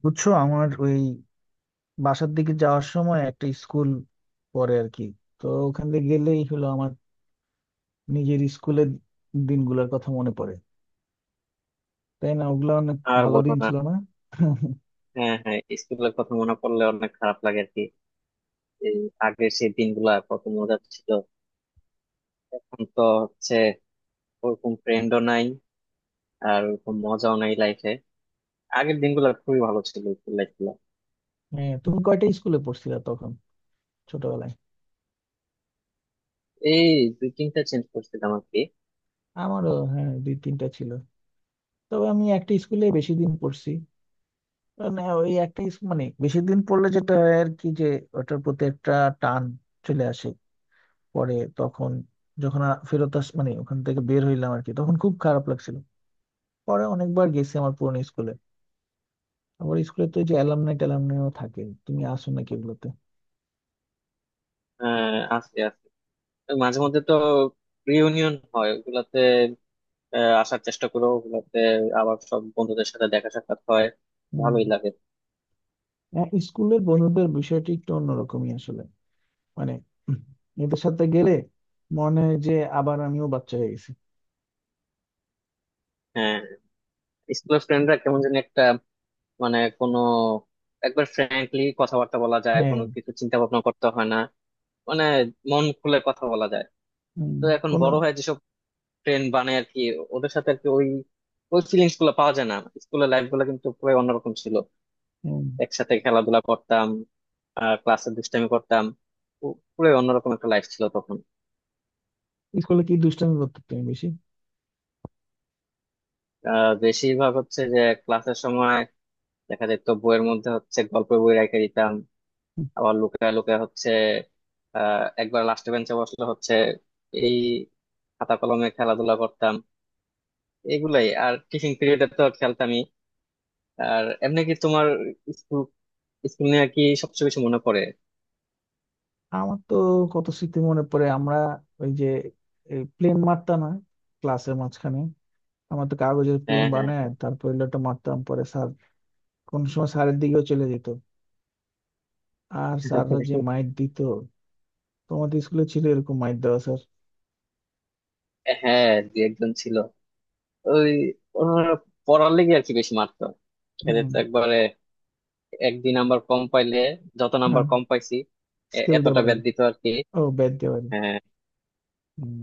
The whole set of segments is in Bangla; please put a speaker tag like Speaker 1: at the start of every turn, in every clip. Speaker 1: বুঝছো, আমার ওই বাসার দিকে যাওয়ার সময় একটা স্কুল পড়ে আর কি। তো ওখান দিয়ে গেলেই হলো, আমার নিজের স্কুলের দিনগুলোর কথা মনে পড়ে, তাই না? ওগুলো অনেক
Speaker 2: আর
Speaker 1: ভালো
Speaker 2: বলো
Speaker 1: দিন
Speaker 2: না।
Speaker 1: ছিল না
Speaker 2: হ্যাঁ, হ্যাঁ, স্কুলের কথা মনে পড়লে অনেক খারাপ লাগে আর কি। এই আগের সেই দিনগুলা কত মজা ছিল। এখন তো হচ্ছে ওরকম ফ্রেন্ডও নাই, আর ওরকম মজাও নাই লাইফে। আগের দিনগুলো খুবই ভালো ছিল, স্কুল লাইফ গুলা।
Speaker 1: হ্যাঁ, তুমি কয়টা স্কুলে পড়ছিলা তখন ছোটবেলায়?
Speaker 2: এই দুই তিনটা চেঞ্জ করছিলাম আর কি।
Speaker 1: আমারও হ্যাঁ দুই তিনটা ছিল। তবে আমি একটা স্কুলে বেশি দিন পড়ছি। মানে ওই একটা স্কুল, মানে বেশি দিন পড়লে যেটা হয় আর কি, যে ওটার প্রতি একটা টান চলে আসে। পরে তখন যখন ফেরত আস, মানে ওখান থেকে বের হইলাম আর কি, তখন খুব খারাপ লাগছিল। পরে অনেকবার গেছি আমার পুরনো স্কুলে। আবার স্কুলে তো ওই যে অ্যালামনাই ট্যালামনাইও থাকে, তুমি আসো নাকি এগুলোতে?
Speaker 2: আস্তে আস্তে ওই মাঝে মধ্যে তো রিউনিয়ন হয় ওগুলাতে। আসার চেষ্টা করো ওগুলাতে, আবার সব বন্ধুদের সাথে দেখা সাক্ষাৎ হয়, ভালোই
Speaker 1: হম।
Speaker 2: লাগে।
Speaker 1: হ্যাঁ, স্কুলের বন্ধুদের বিষয়টি একটু অন্যরকমই আসলে। মানে উম, এদের সাথে গেলে মনে হয় যে আবার আমিও বাচ্চা হয়ে গেছি।
Speaker 2: হ্যাঁ, স্কুলের ফ্রেন্ডরা কেমন যেন একটা, মানে কোনো, একবার ফ্র্যাঙ্কলি কথাবার্তা বলা যায়,
Speaker 1: হ্যাঁ।
Speaker 2: কোনো কিছু চিন্তা ভাবনা করতে হয় না। মানে মন খুলে কথা বলা যায়।
Speaker 1: হম।
Speaker 2: তো এখন
Speaker 1: কোনো।
Speaker 2: বড় হয়ে যেসব ফ্রেন্ড বানায় আর কি, ওদের সাথে আর কি ওই ওই ফিলিংস গুলো পাওয়া যায় না। স্কুলের লাইফ গুলো কিন্তু পুরো অন্যরকম ছিল।
Speaker 1: হম।
Speaker 2: একসাথে খেলাধুলা করতাম, আর ক্লাসে দুষ্টামি করতাম। পুরো অন্যরকম একটা লাইফ ছিল তখন।
Speaker 1: স্কুলে কি দুষ্টামি করতে তুমি বেশি?
Speaker 2: বেশিরভাগ হচ্ছে যে ক্লাসের সময় দেখা যেত বইয়ের মধ্যে হচ্ছে গল্পের বই রেখে দিতাম।
Speaker 1: হুম।
Speaker 2: আবার লুকায় লুকায় হচ্ছে একবার লাস্ট বেঞ্চে বসলে হচ্ছে এই খাতা কলমে খেলাধুলা করতাম এগুলাই, আর টিফিন পিরিয়ডে তো খেলতামই। আর এমনি কি তোমার স্কুল স্কুল নিয়ে কি সবচেয়ে বেশি মনে পড়ে।
Speaker 1: আমার তো কত স্মৃতি মনে পড়ে। আমরা ওই যে প্লেন মারতাম না ক্লাসের মাঝখানে, আমরা তো কাগজের প্লেন
Speaker 2: হ্যাঁ, হ্যাঁ।
Speaker 1: বানায় তারপর ওটা মারতাম, পরে স্যার কোন সময় স্যারের দিকেও চলে যেত। আর স্যাররা যে মাইট দিত, তোমাদের স্কুলে ছিল এরকম মাইট দেওয়া স্যার?
Speaker 2: হ্যাঁ, দু একজন ছিল। ওই ওনারা পড়ার লেগে আর কি বেশি মারতো। এদের
Speaker 1: হুম।
Speaker 2: তো একবারে এক দুই নাম্বার কম পাইলে, যত নাম্বার
Speaker 1: হ্যাঁ,
Speaker 2: কম পাইছি,
Speaker 1: স্কেল দিয়ে
Speaker 2: এতটা
Speaker 1: বাড়ি।
Speaker 2: ব্যাদ দিত আর কি।
Speaker 1: ও, ব্যাট দিয়ে বাড়ি।
Speaker 2: হ্যাঁ,
Speaker 1: হুম।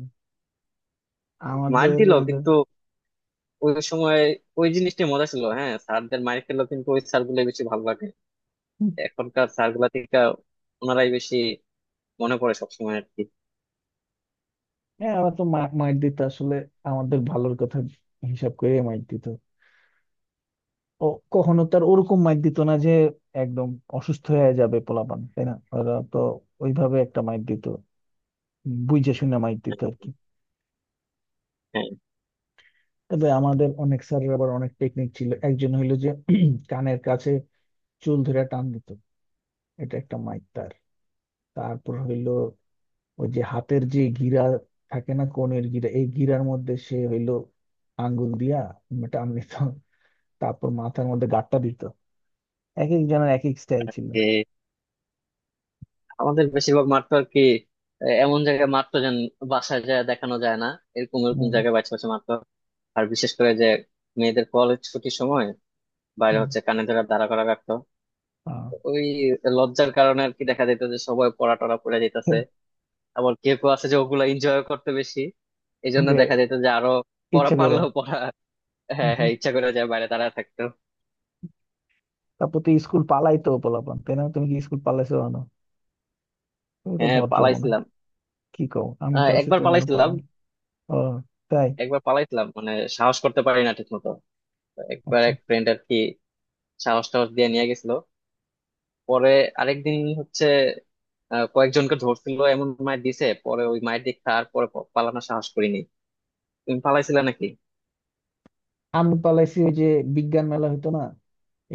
Speaker 2: মার
Speaker 1: আমাদের
Speaker 2: দিল কিন্তু ওই সময় ওই জিনিসটা মজা ছিল। হ্যাঁ, স্যারদের মাইর খেলেও কিন্তু ওই স্যার গুলো বেশি ভালো লাগে
Speaker 1: হুম।
Speaker 2: এখনকার স্যার গুলা থেকে। ওনারাই বেশি মনে পড়ে সবসময় আর কি।
Speaker 1: হ্যাঁ, আমরা তো মাইট দিত আসলে আমাদের ভালোর কথা হিসাব করে মাইট দিত। ও কখনো তার ওরকম মাইট দিত না যে একদম অসুস্থ হয়ে যাবে পোলাপান, তাই না? ওরা তো ওইভাবে একটা মাইট দিত, বুঝে শুনে মাইট দিত আর কি।
Speaker 2: হ্যাঁ,
Speaker 1: তবে আমাদের অনেক স্যারের আবার অনেক টেকনিক ছিল। একজন হইলো যে কানের কাছে চুল ধরে টান দিত, এটা একটা মাইট। তারপর হইলো ওই যে হাতের যে গিরা থাকে না, কনের গিরা, এই গিরার মধ্যে সে হইলো আঙ্গুল দিয়া টান দিত। তারপর মাথার মধ্যে গাঁটটা দিত। এক এক জনের এক এক স্টাইল ছিল।
Speaker 2: যে আমাদের বেশিরভাগ মারতো আর কি। আহ, এমন জায়গায় মারতো যেন বাসায় যায় দেখানো যায় না। এরকম এরকম
Speaker 1: হম।
Speaker 2: জায়গায় বাছে বাছে মারতো। আর বিশেষ করে যে মেয়েদের কলেজ ছুটির সময় বাইরে
Speaker 1: হম।
Speaker 2: হচ্ছে কানে ধরে দাঁড়া করা রাখতো।
Speaker 1: আহ।
Speaker 2: ওই লজ্জার কারণে আর কি দেখা যেত যে সবাই পড়া টরা পড়ে যেতেছে। আবার কেউ কেউ আছে যে ওগুলা এনজয় করতে বেশি। এই জন্য
Speaker 1: যে
Speaker 2: দেখা যেত যে আরো পড়া
Speaker 1: ইচ্ছে করে।
Speaker 2: পারলেও পড়া হ্যাঁ,
Speaker 1: হম।
Speaker 2: হ্যাঁ, ইচ্ছা করে যায় বাইরে দাঁড়ায় থাকতো।
Speaker 1: তারপর তো স্কুল পালাইতো পোলাপান, তাই না? তুমি কি স্কুল পালাইছো না? তুমি তো
Speaker 2: হ্যাঁ,
Speaker 1: ভদ্র মনে হয়।
Speaker 2: পালাইছিলাম।
Speaker 1: কি কও, আমি
Speaker 2: আহ,
Speaker 1: তো আছি
Speaker 2: একবার
Speaker 1: তুমি মনে
Speaker 2: পালাইছিলাম।
Speaker 1: পালাম। ও তাই?
Speaker 2: একবার পালাইছিলাম মানে সাহস করতে পারি না ঠিক মতো। একবার
Speaker 1: আচ্ছা।
Speaker 2: এক ফ্রেন্ড আর কি সাহস টাহস দিয়ে নিয়ে গেছিল। পরে আরেকদিন হচ্ছে আহ, কয়েকজনকে ধরছিল, এমন মায়ের দিছে পরে ওই মায়ের দিক তারপরে পালানোর সাহস করিনি। তুমি পালাইছিলে নাকি?
Speaker 1: আমি পালাইছি ওই যে বিজ্ঞান মেলা হইতো না,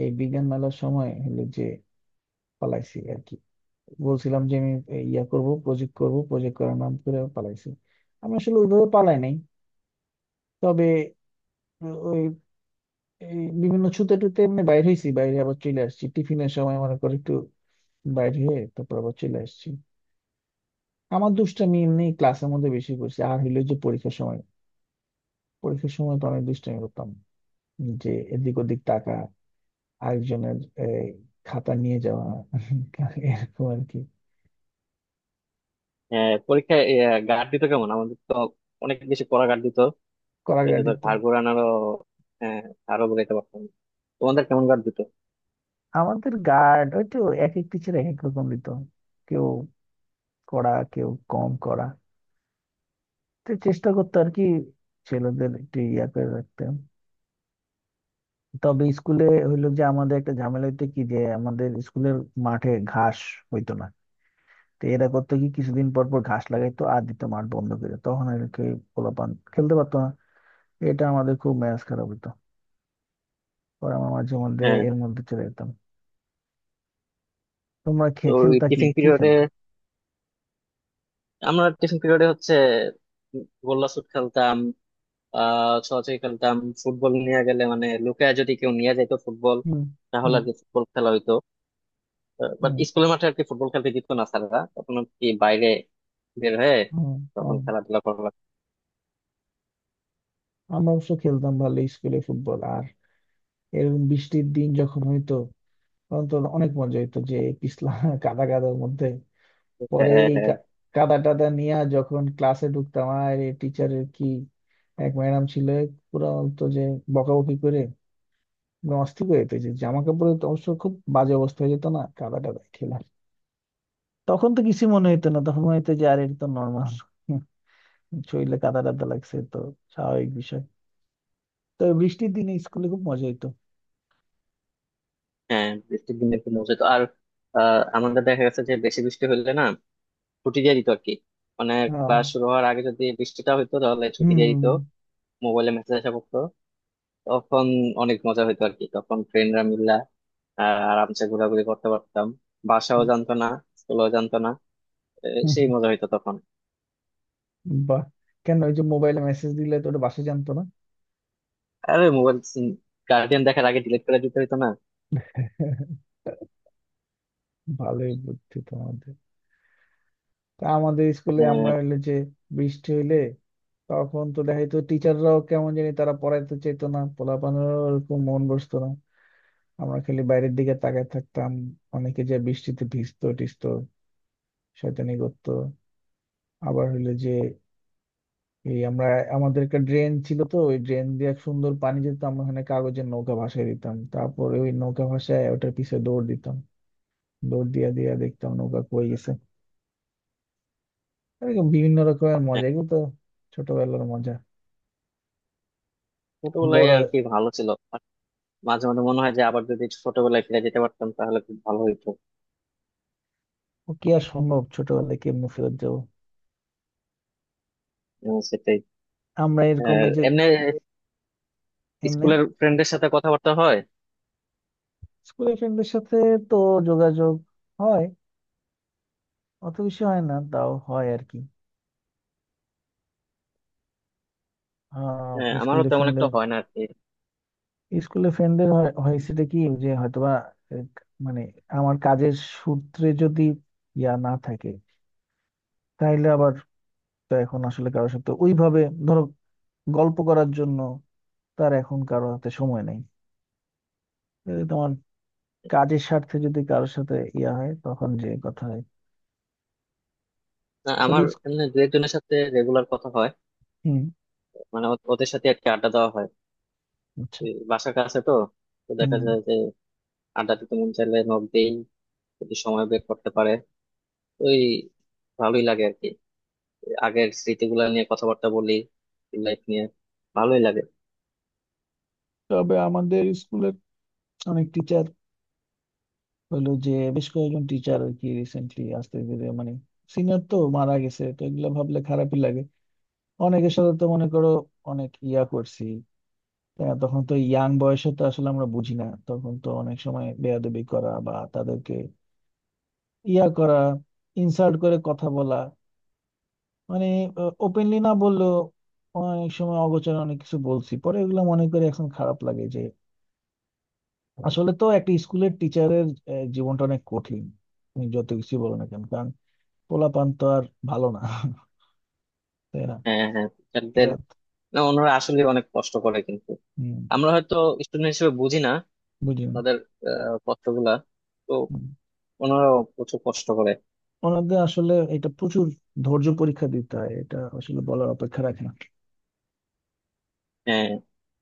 Speaker 1: এই বিজ্ঞান মেলার সময় হলো যে পালাইছি আর কি। বলছিলাম যে আমি এই ইয়া করব, প্রজেক্ট করব, প্রজেক্ট করার নাম করে পালাইছি। আমি আসলে ওইভাবে পালাই নাই। তবে ওই এই বিভিন্ন ছুতে টুতে এমনি বাইরে হয়েছি, বাইরে আবার চলে আসছি, টিফিনের সময় মনে করে একটু বাইরে হয়ে তারপর আবার চলে আসছি। আমার দুষ্টামি এমনি ক্লাসের মধ্যে বেশি করছি, আর হইলো যে পরীক্ষার সময়। পরীক্ষার সময় তো অনেক দুষ্টামি করতাম, যে এদিক ওদিক টাকা, আরেকজনের এই, খাতা নিয়ে যাওয়া, এরকম আর কি।
Speaker 2: হ্যাঁ, পরীক্ষায় গার্ড দিত কেমন? আমাদের তো অনেক বেশি পড়া গার্ড দিত। এটা
Speaker 1: করাঘাট
Speaker 2: তো
Speaker 1: দিত।
Speaker 2: ঘাড় ঘোরানোরও হ্যাঁ, আরো বোঝাইতে পারতাম। তোমাদের কেমন কার দিত?
Speaker 1: আমাদের গার্ড ওই তো এক এক টিচার এক এক রকম দিত। কেউ কড়া, কেউ কম করা। তো চেষ্টা করতো আর কি ছেলেদের একটু ইয়া করে রাখতে। তবে স্কুলে হইলো যে আমাদের একটা ঝামেলা হইতো কি, যে আমাদের স্কুলের মাঠে ঘাস হইতো না। তো এরা করতো কি, কিছুদিন পর পর ঘাস লাগাইতো আর দিত মাঠ বন্ধ করে, তখন আর কি পোলাপান খেলতে পারতো না। এটা আমাদের খুব মেজাজ খারাপ হইতো। পরে আমার মাঝে মধ্যে
Speaker 2: হ্যাঁ,
Speaker 1: এর মধ্যে চলে যেতাম। তোমরা
Speaker 2: তো ওই
Speaker 1: খেলতা কি
Speaker 2: টিফিন
Speaker 1: কি
Speaker 2: পিরিয়ডে
Speaker 1: খেলতা?
Speaker 2: আমরা টিফিন পিরিয়ডে হচ্ছে গোল্লা ছুট খেলতাম। ছোঁয়াছুঁয়ি খেলতাম। ফুটবল নিয়ে গেলে মানে লুকায় যদি কেউ নিয়ে যেত ফুটবল,
Speaker 1: হুম।
Speaker 2: তাহলে
Speaker 1: হুম।
Speaker 2: আর কি ফুটবল খেলা হইতো। বাট
Speaker 1: হুম।
Speaker 2: স্কুলের মাঠে আর কি ফুটবল খেলতে দিত না স্যাররা, তখন আর কি বাইরে বের হয়ে
Speaker 1: হুম।
Speaker 2: তখন
Speaker 1: হুম।
Speaker 2: খেলাধুলা করা লাগতো।
Speaker 1: আমরা অবশ্য খেলতাম ভালো স্কুলে ফুটবল। আর এরকম বৃষ্টির দিন যখন হইতো তখন তো অনেক মজা হইতো, যে পিছলা কাদা কাদার মধ্যে
Speaker 2: হ্যাঁ,
Speaker 1: পরে এই
Speaker 2: হ্যাঁ।
Speaker 1: কাদা টাদা নিয়ে যখন ক্লাসে ঢুকতাম, আর টিচারের কি এক ম্যাডাম ছিল পুরো, তো যে বকাবকি করে একদম অস্থির হয়ে যেত, যে জামা কাপড়ে তো অবশ্য খুব বাজে অবস্থা হয়ে যেত না কাদা টাদা খেলা। তখন তো কিছু মনে হইতো না, তখন মনে হইতো যে আর এটা তো নর্মাল শরীরে কাদা টাদা লাগছে তো স্বাভাবিক বিষয়। তো বৃষ্টির দিনে স্কুলে খুব মজা হইতো।
Speaker 2: হ্যাঁ, বৃষ্টির দিনে একটু মজা হতো। আর আহ, আমাদের দেখা গেছে যে বেশি বৃষ্টি হলে না ছুটি দিয়ে দিত আর কি। মানে
Speaker 1: হ্যাঁ।
Speaker 2: ক্লাস শুরু হওয়ার আগে যদি বৃষ্টিটা হইতো তাহলে ছুটি দিয়ে
Speaker 1: হুম।
Speaker 2: দিত। মোবাইলে মেসেজ আসা করতো তখন। অনেক মজা হইতো আর কি, তখন ফ্রেন্ডরা মিল্লা আহ, আরামসে ঘোরাঘুরি করতে পারতাম। বাসাও
Speaker 1: হুম।
Speaker 2: জানতো না, স্কুলও জানতো না। এ,
Speaker 1: হুম।
Speaker 2: সেই
Speaker 1: হুম।
Speaker 2: মজা হইতো তখন।
Speaker 1: বাহ। কেন ওই যে মোবাইলে মেসেজ দিলে তো ওটা বাসা জানতো না?
Speaker 2: আরে মোবাইল গার্ডিয়ান দেখার আগে ডিলিট করে দিতে হইতো না।
Speaker 1: ভালোই বুদ্ধি তোমাদের। তা আমাদের স্কুলে আমরা
Speaker 2: আহ,
Speaker 1: হইলো যে বৃষ্টি হইলে তখন তো দেখা যেত টিচাররাও কেমন জানি তারা পড়াইতে চেত না, পোলাপানেরও ওরকম মন বসতো না। আমরা খালি বাইরের দিকে তাকায় থাকতাম। অনেকে যে বৃষ্টিতে ভিজতো টিজতো, শয়তানি করতো। আবার হইলো যে এই আমরা, আমাদের একটা ড্রেন ছিল, তো ওই ড্রেন দিয়ে এক সুন্দর পানি যেত, আমরা ওখানে কাগজের নৌকা ভাসিয়ে দিতাম, তারপরে ওই নৌকা ভাসায় ওটার পিছে দৌড় দিতাম। দৌড় দিয়া দিয়া দেখতাম নৌকা কই গেছে। এরকম বিভিন্ন রকমের মজা, এগুলো তো ছোটবেলার মজা।
Speaker 2: ছোটবেলায়
Speaker 1: বড়
Speaker 2: আর কি ভালো ছিল। আর মাঝে মাঝে মনে হয় যে আবার যদি ছোটবেলায় ফিরে যেতে পারতাম তাহলে খুব ভালো হইতো।
Speaker 1: কি আর সম্ভব ছোটবেলায় কেমনে ফেরত যাবো?
Speaker 2: উম, সেটাই।
Speaker 1: আমরা এরকম
Speaker 2: আহ,
Speaker 1: এই যে
Speaker 2: এমনি
Speaker 1: এমনি
Speaker 2: স্কুলের ফ্রেন্ডের সাথে কথাবার্তা হয়।
Speaker 1: স্কুলের ফ্রেন্ডদের সাথে তো যোগাযোগ হয়, অত বেশি হয় না, তাও হয় আর কি। আহ।
Speaker 2: হ্যাঁ, আমারও
Speaker 1: স্কুলের
Speaker 2: তেমন একটা
Speaker 1: ফ্রেন্ডের,
Speaker 2: হয় না আর কি।
Speaker 1: স্কুলে ফ্রেন্ডদের হয়েছেটা কি যে হয়তোবা এক মানে আমার কাজের সূত্রে যদি ইয়া না থাকে তাইলে আবার, তো এখন আসলে কারোর সাথে ওইভাবে, ধরো, গল্প করার জন্য তার এখন কারোর হাতে সময় নেই। তাহলে তোমার কাজের স্বার্থে যদি কারোর সাথে ইয়া হয় তখন যে কথা হয়।
Speaker 2: না,
Speaker 1: তবে
Speaker 2: আমার এমনি দু একজনের সাথে রেগুলার কথা হয়।
Speaker 1: হুম।
Speaker 2: মানে ওদের সাথে আর কি আড্ডা দেওয়া হয়।
Speaker 1: আচ্ছা।
Speaker 2: এই বাসার কাছে তো তো দেখা
Speaker 1: হুম।
Speaker 2: যায় যে আড্ডা দিতে মন চাইলে নক দেই, যদি সময় বের করতে পারে। ওই ভালোই লাগে আর কি। আগের স্মৃতিগুলো নিয়ে কথাবার্তা বলি, লাইফ নিয়ে, ভালোই লাগে।
Speaker 1: তবে আমাদের স্কুলের অনেক টিচার হলো যে, বেশ কয়েকজন টিচার আর কি রিসেন্টলি আস্তে ধীরে, মানে সিনিয়র তো মারা গেছে, তো এগুলো ভাবলে খারাপই লাগে। অনেকের সাথে তো মনে করো অনেক ইয়া করছি। আহ, তখন তো ইয়াং বয়সে তো আসলে আমরা বুঝি না, তখন তো অনেক সময় বেয়াদবি করা বা তাদেরকে ইয়া করা, ইনসাল্ট করে কথা বলা, মানে ওপেনলি না বললেও অনেক সময় অগোচরে অনেক কিছু বলছি, পরে এগুলো মনে করে এখন খারাপ লাগে যে আসলে তো একটা স্কুলের টিচারের জীবনটা অনেক কঠিন। তুমি যত কিছু বলো না কেন, কারণ পোলাপান তো আর ভালো না, তাই না?
Speaker 2: হ্যাঁ, হ্যাঁ, টিচারদের,
Speaker 1: এরা
Speaker 2: না ওনারা আসলে অনেক কষ্ট করে কিন্তু
Speaker 1: হম
Speaker 2: আমরা হয়তো স্টুডেন্ট হিসেবে বুঝি না
Speaker 1: বুঝি
Speaker 2: ওনাদের আহ, কষ্টগুলা তো।
Speaker 1: না।
Speaker 2: ওনারাও প্রচুর কষ্ট করে।
Speaker 1: ওনাদের আসলে এটা প্রচুর ধৈর্য পরীক্ষা দিতে হয়, এটা আসলে বলার অপেক্ষা রাখে না।
Speaker 2: হ্যাঁ,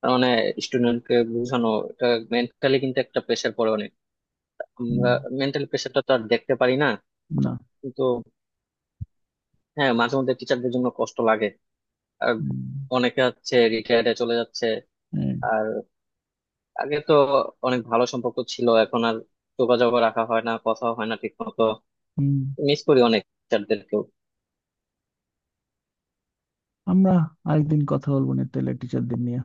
Speaker 2: তার মানে স্টুডেন্টকে বোঝানো, এটা মেন্টালি কিন্তু একটা প্রেশার পড়ে অনেক।
Speaker 1: হুম।
Speaker 2: আমরা মেন্টালি প্রেশারটা তো আর দেখতে পারি না,
Speaker 1: না।
Speaker 2: কিন্তু হ্যাঁ, মাঝে মধ্যে টিচারদের জন্য কষ্ট লাগে। আর
Speaker 1: হুম।
Speaker 2: অনেকে হচ্ছে রিটায়ারে চলে যাচ্ছে।
Speaker 1: হ্যাঁ।
Speaker 2: আর আগে তো অনেক ভালো সম্পর্ক ছিল, এখন আর যোগাযোগ রাখা হয় না, কথা হয় না ঠিক মতো।
Speaker 1: হুম।
Speaker 2: মিস করি অনেক টিচারদেরকে।
Speaker 1: আমরা আরেকদিন কথা বলবো না টেলের টিচারদের নিয়ে।